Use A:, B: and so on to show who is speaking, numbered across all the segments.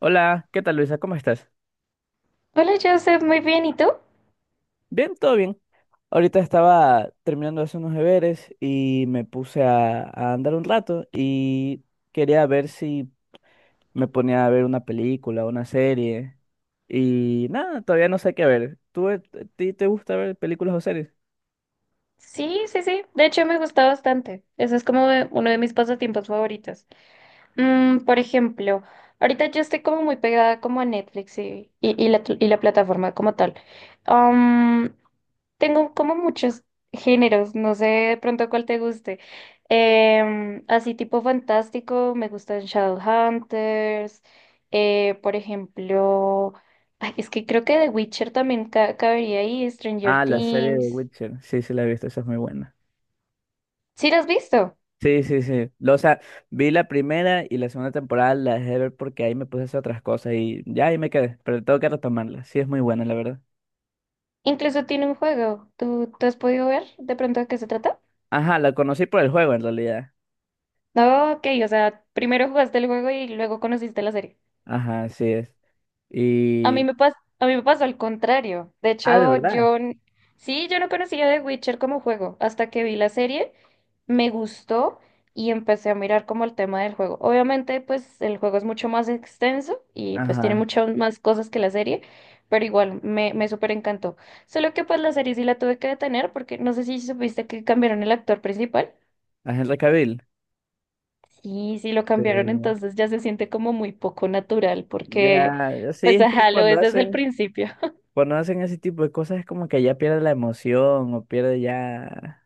A: Hola, ¿qué tal Luisa? ¿Cómo estás?
B: Hola, Joseph, muy bien, ¿y tú?
A: Bien, todo bien. Ahorita estaba terminando de hacer unos deberes y me puse a andar un rato y quería ver si me ponía a ver una película, una serie. Y nada, todavía no sé qué ver. ¿Tú, a ti te gusta ver películas o series?
B: Sí, sí, sí, de hecho me gusta bastante. Eso es como uno de mis pasatiempos favoritos. Mm, por ejemplo, ahorita yo estoy como muy pegada como a Netflix y la plataforma como tal. Tengo como muchos géneros, no sé de pronto cuál te guste. Así tipo fantástico, me gustan Shadowhunters, por ejemplo, ay, es que creo que The Witcher también cabería ahí, Stranger
A: Ah, la serie de
B: Things.
A: Witcher. Sí, sí, la he visto, esa es muy buena.
B: ¿Sí lo has visto?
A: Sí, sí, sí. O sea, vi la primera y la segunda temporada la dejé de ver porque ahí me puse a hacer otras cosas y ya ahí me quedé, pero tengo que retomarla. Sí, es muy buena, la verdad.
B: Incluso tiene un juego. ¿Tú has podido ver de pronto de qué se trata?
A: Ajá, la conocí por el juego en realidad.
B: No, ok, o sea, primero jugaste el juego y luego conociste la serie.
A: Ajá, así es. Y...
B: A mí me pasó al contrario. De
A: Ah, de
B: hecho,
A: verdad.
B: sí, yo no conocía The Witcher como juego hasta que vi la serie, me gustó y empecé a mirar como el tema del juego. Obviamente, pues el juego es mucho más extenso y pues tiene
A: Ajá.
B: muchas más cosas que la serie, pero igual me súper encantó. Solo que pues la serie sí la tuve que detener porque no sé si supiste que cambiaron el actor principal.
A: A Henry Cavill.
B: Sí, sí lo cambiaron,
A: Sí.
B: entonces ya se siente como muy poco natural porque
A: Ya, ya sí,
B: pues
A: es que
B: ajá, lo es desde el principio.
A: cuando hacen ese tipo de cosas es como que ya pierde la emoción o pierde ya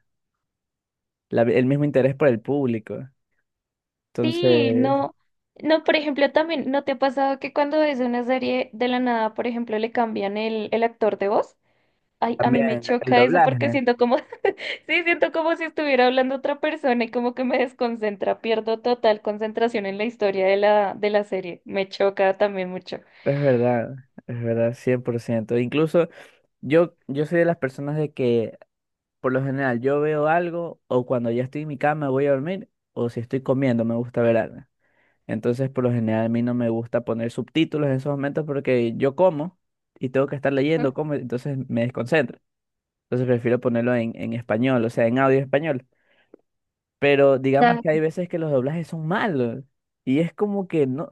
A: el mismo interés por el público.
B: Sí,
A: Entonces,
B: no, no, por ejemplo, también, ¿no te ha pasado que cuando ves una serie de la nada, por ejemplo, le cambian el actor de voz? Ay, a mí me
A: también el
B: choca eso porque
A: doblaje.
B: siento como, sí, siento como si estuviera hablando otra persona y como que me desconcentra, pierdo total concentración en la historia de la serie. Me choca también mucho.
A: Es verdad, es verdad, 100%. Incluso yo soy de las personas de que por lo general, yo veo algo o cuando ya estoy en mi cama voy a dormir o si estoy comiendo me gusta ver algo. Entonces, por lo general, a mí no me gusta poner subtítulos en esos momentos porque yo como y tengo que estar
B: Mm,
A: leyendo, como, entonces me desconcentro. Entonces prefiero ponerlo en español, o sea, en audio español. Pero digamos
B: ya.
A: que hay veces que los doblajes son malos y es como que no,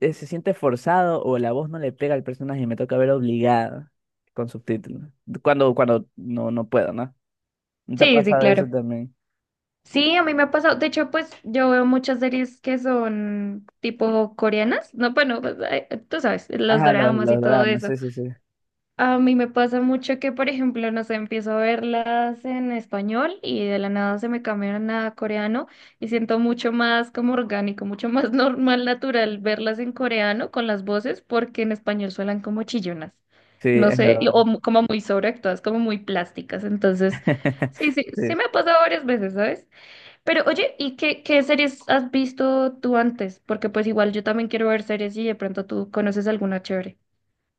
A: se siente forzado o la voz no le pega al personaje y me toca ver obligado con subtítulos. Cuando no, no puedo, ¿no? ¿No Te ha
B: Sí, sí,
A: pasado
B: claro.
A: eso también?
B: Sí, a mí me ha pasado. De hecho, pues yo veo muchas series que son tipo coreanas. No, bueno, pues, ay, tú sabes, los
A: Ajá,
B: doramas y
A: los
B: todo
A: dramas,
B: eso.
A: sí, sí, sí.
B: A mí me pasa mucho que, por ejemplo, no sé, empiezo a verlas en español y de la nada se me cambian a coreano y siento mucho más como orgánico, mucho más normal, natural verlas en coreano con las voces porque en español suenan como chillonas,
A: Sí,
B: no
A: es
B: sé,
A: verdad.
B: como muy sobreactuadas, como muy plásticas. Entonces, sí, sí, sí
A: Sí.
B: me ha pasado varias veces, ¿sabes? Pero oye, ¿y qué series has visto tú antes? Porque pues igual yo también quiero ver series y de pronto tú conoces alguna chévere.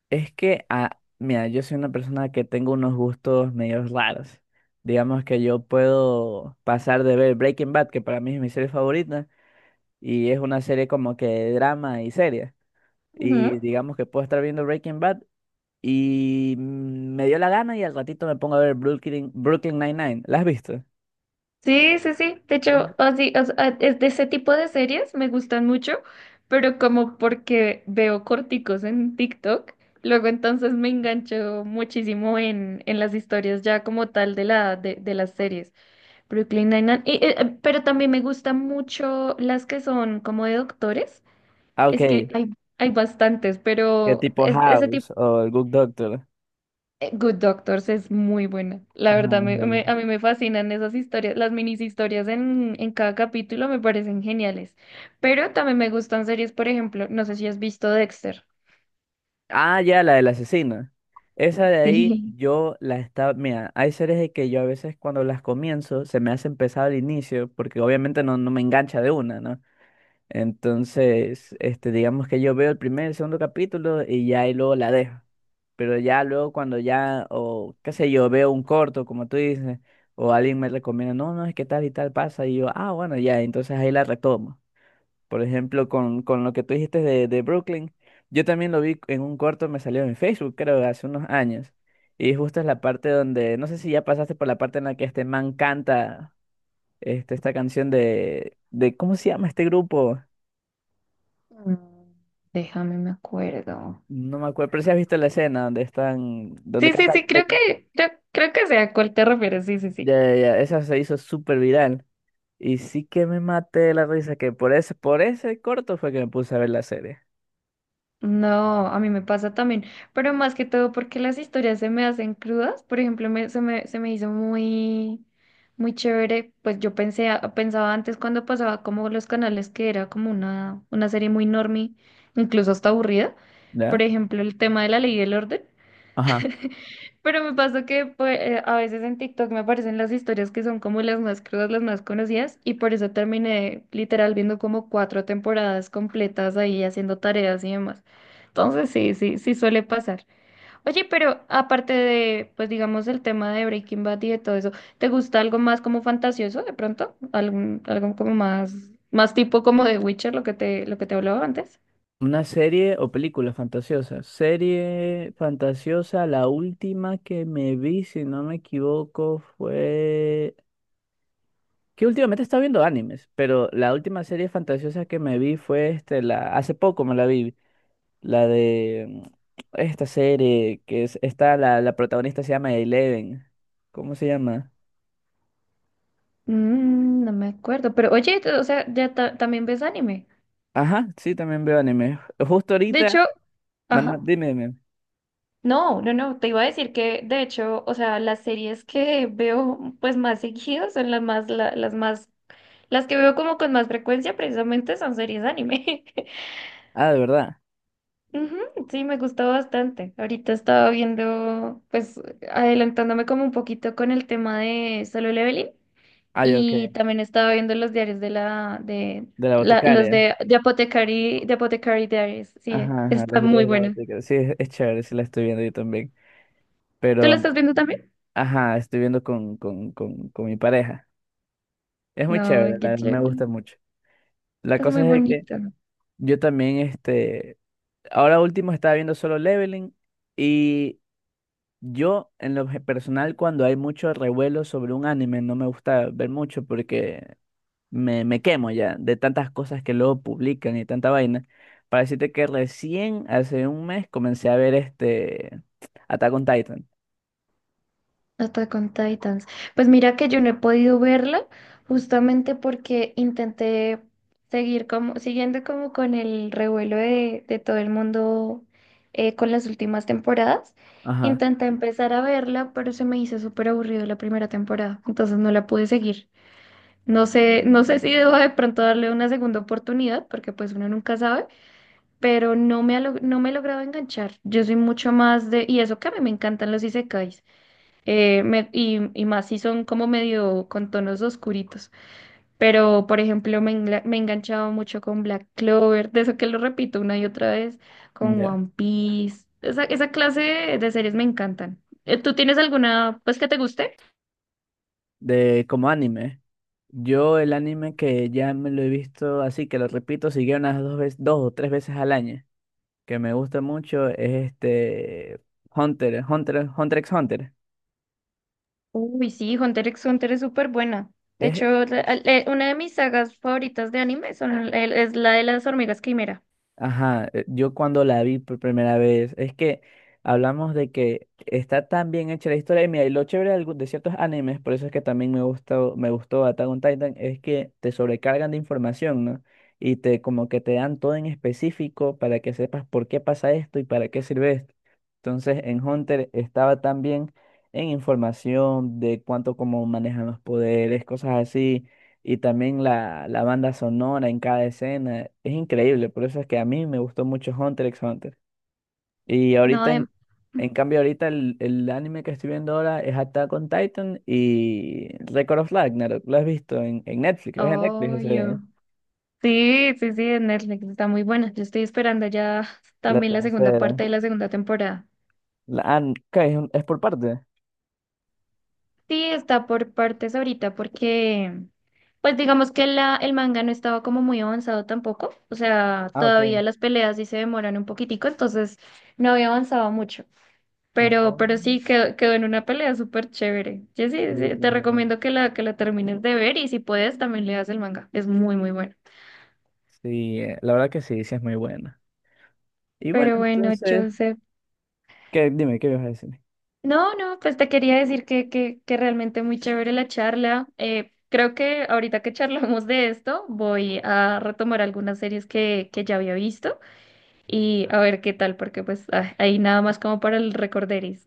A: Es que, ah, mira, yo soy una persona que tengo unos gustos medio raros. Digamos que yo puedo pasar de ver Breaking Bad, que para mí es mi serie favorita, y es una serie como que de drama y seria.
B: Ujú.
A: Y digamos que puedo estar viendo Breaking Bad y me dio la gana y al ratito me pongo a ver Brooklyn Nine-Nine. ¿La has visto?
B: Sí, sí, sí. De hecho,
A: Eh.
B: así, o sea, es de ese tipo de series me gustan mucho, pero como porque veo corticos en TikTok, luego entonces me engancho muchísimo en las historias ya como tal de las series. Brooklyn Nine-Nine. Y, pero también me gustan mucho las que son como de doctores.
A: Ah,
B: Es
A: ok.
B: que hay, hay bastantes,
A: Que
B: pero
A: tipo
B: ese tipo
A: House o el Good Doctor.
B: Good Doctors es muy buena. La verdad,
A: Ajá.
B: a mí me fascinan esas historias. Las minis historias en cada capítulo me parecen geniales. Pero también me gustan series, por ejemplo, no sé si has visto Dexter.
A: Ah, ya, la del asesino. Esa de ahí
B: Sí.
A: yo la estaba, mira, hay series de que yo a veces cuando las comienzo se me hace pesado al inicio porque obviamente no, no me engancha de una, ¿no? Entonces, este, digamos que yo veo el primer, el segundo capítulo y ya, y luego la dejo. Pero ya luego cuando ya, o qué sé yo, veo un corto, como tú dices, o alguien me recomienda, no, no, es que tal y tal pasa y yo, ah, bueno, ya, entonces ahí la retomo. Por ejemplo, con lo que tú dijiste de Brooklyn, yo también lo vi en un corto, me salió en Facebook, creo, hace unos años. Y justo es la parte donde, no sé si ya pasaste por la parte en la que este man canta esta canción de, ¿cómo se llama este grupo?
B: Mm, déjame, me acuerdo.
A: No me acuerdo, pero si has visto la escena donde están, donde
B: Sí, sí,
A: canta el
B: sí, creo que, creo, creo que sé a cuál te refieres. Sí, sí,
A: ya,
B: sí.
A: ya, ya, esa se hizo súper viral. Y sí que me maté de la risa, que por por ese corto fue que me puse a ver la serie,
B: No, a mí me pasa también, pero más que todo porque las historias se me hacen crudas. Por ejemplo, se me hizo muy, muy chévere. Pues yo pensé, pensaba antes cuando pasaba como los canales que era como una serie muy normie, incluso hasta aburrida.
A: ¿ya?
B: Por ejemplo, el tema de la ley y el orden. Pero me pasó que pues, a veces en TikTok me aparecen las historias que son como las más crudas, las más conocidas, y por eso terminé literal viendo como cuatro temporadas completas ahí haciendo tareas y demás. Entonces sí, sí, sí suele pasar. Oye, pero aparte de, pues digamos, el tema de Breaking Bad y de todo eso, ¿te gusta algo más como fantasioso de pronto? ¿Algún, algo como más, más tipo como de Witcher, lo que te hablaba antes?
A: Una serie o película fantasiosa. Serie fantasiosa, la última que me vi, si no me equivoco, fue... Que últimamente estaba viendo animes, pero la última serie fantasiosa que me vi fue este, la... Hace poco me la vi, la de esta serie que es... Está la protagonista se llama Eleven. ¿Cómo se llama?
B: Mm, no me acuerdo, pero oye, o sea, también ves anime.
A: Ajá, sí, también veo anime. Justo
B: De
A: ahorita,
B: hecho, ajá.
A: dime, dime.
B: No, no, no, te iba a decir que de hecho, o sea, las series que veo pues más seguidas son las más, las que veo como con más frecuencia precisamente son series anime.
A: Ah, de verdad.
B: Ujú, sí, me gustó bastante. Ahorita estaba viendo, pues adelantándome como un poquito con el tema de Solo Leveling
A: Ah, ya, ok.
B: y también estaba viendo los diarios de la, de,
A: De la
B: la, los
A: boticaria.
B: de, de Apothecary, de Apothecary Diaries. Sí,
A: Ajá, ajá, los
B: está
A: días
B: muy
A: de la
B: bueno.
A: Vaticana. Sí, es chévere, sí la estoy viendo yo también.
B: ¿Tú lo
A: Pero,
B: estás viendo también?
A: ajá, estoy viendo con mi pareja. Es muy
B: No,
A: chévere, la,
B: qué
A: verdad, me
B: chévere.
A: gusta mucho. La
B: Es
A: cosa
B: muy
A: es de que
B: bonito.
A: yo también, este, ahora último estaba viendo Solo Leveling y yo, en lo personal, cuando hay mucho revuelo sobre un anime, no me gusta ver mucho porque me quemo ya de tantas cosas que luego publican y tanta vaina. Para decirte que recién, hace 1 mes, comencé a ver este... Attack on Titan.
B: Hasta con Titans. Pues mira que yo no he podido verla justamente porque intenté seguir como, siguiendo como con el revuelo de todo el mundo con las últimas temporadas.
A: Ajá,
B: Intenté empezar a verla, pero se me hizo súper aburrido la primera temporada, entonces no la pude seguir. No sé si debo de pronto darle una segunda oportunidad, porque pues uno nunca sabe. Pero no me he logrado enganchar. Yo soy mucho más de, y eso que a mí me encantan los isekais, y más si son como medio con tonos oscuritos. Pero, por ejemplo, me he enganchado mucho con Black Clover, de eso que lo repito una y otra vez, con
A: ya.
B: One Piece. Esa clase de series me encantan. ¿Tú tienes alguna, pues, que te guste?
A: De como anime. Yo el anime que ya me lo he visto así, que lo repito, sigue unas dos veces, dos o tres veces al año, que me gusta mucho, es este Hunter x Hunter.
B: Uy, sí, Hunter x Hunter es súper buena. De
A: Es
B: hecho, una de mis sagas favoritas de anime es la de las hormigas quimera.
A: ajá, yo cuando la vi por primera vez, es que hablamos de que está tan bien hecha la historia. Y mira, y lo chévere de, de ciertos animes, por eso es que también me gustó Attack on Titan, es que te sobrecargan de información, ¿no? Y te como que te dan todo en específico para que sepas por qué pasa esto y para qué sirve esto. Entonces, en Hunter estaba también en información de cuánto cómo manejan los poderes, cosas así, y también la banda sonora en cada escena. Es increíble, por eso es que a mí me gustó mucho Hunter x Hunter. Y
B: No,
A: ahorita,
B: de...
A: en cambio, ahorita el anime que estoy viendo ahora es Attack on Titan y Record of Ragnarok. Lo has visto en Netflix, es en Netflix ese,
B: obvio. Sí, sí, sí, de Netflix está muy buena. Yo estoy esperando ya
A: la
B: también la segunda
A: tercera.
B: parte de la segunda temporada.
A: La, ah, ok, es, es por parte.
B: Sí, está por partes ahorita porque, pues digamos que el manga no estaba como muy avanzado tampoco. O sea,
A: Ah, ok.
B: todavía las peleas sí se demoran un poquitico, entonces no había avanzado mucho. Pero,
A: Oh,
B: pero sí quedó en una pelea súper chévere. Yo sí,
A: sí,
B: sí, te recomiendo que la termines de ver y si puedes también leas el manga. Es muy, muy bueno.
A: sí, la verdad que sí, sí es muy buena. Y bueno,
B: Pero bueno,
A: entonces,
B: Joseph.
A: ¿qué, dime, qué ibas a decir?
B: No, no, pues te quería decir que realmente muy chévere la charla. Creo que ahorita que charlamos de esto, voy a retomar algunas series que ya había visto y a ver qué tal, porque pues ah, ahí nada más como para el recorderis.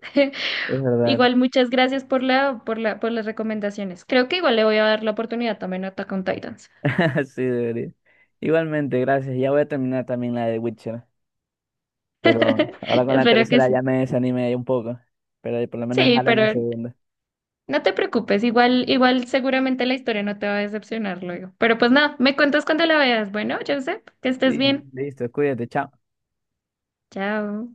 A: Es verdad.
B: Igual muchas gracias por por las recomendaciones. Creo que igual le voy a dar la oportunidad también a Attack on Titans.
A: Así debería. Igualmente, gracias. Ya voy a terminar también la de Witcher. Pero ahora con la
B: Espero que
A: tercera
B: sí.
A: ya me desanimé ahí un poco. Pero por lo menos
B: Sí,
A: dejarla en la
B: pero
A: segunda.
B: no te preocupes, igual, igual seguramente la historia no te va a decepcionar luego. Pero pues nada, me cuentas cuando la veas. Bueno, Joseph, que estés
A: Sí,
B: bien.
A: listo, cuídate, chao.
B: Chao.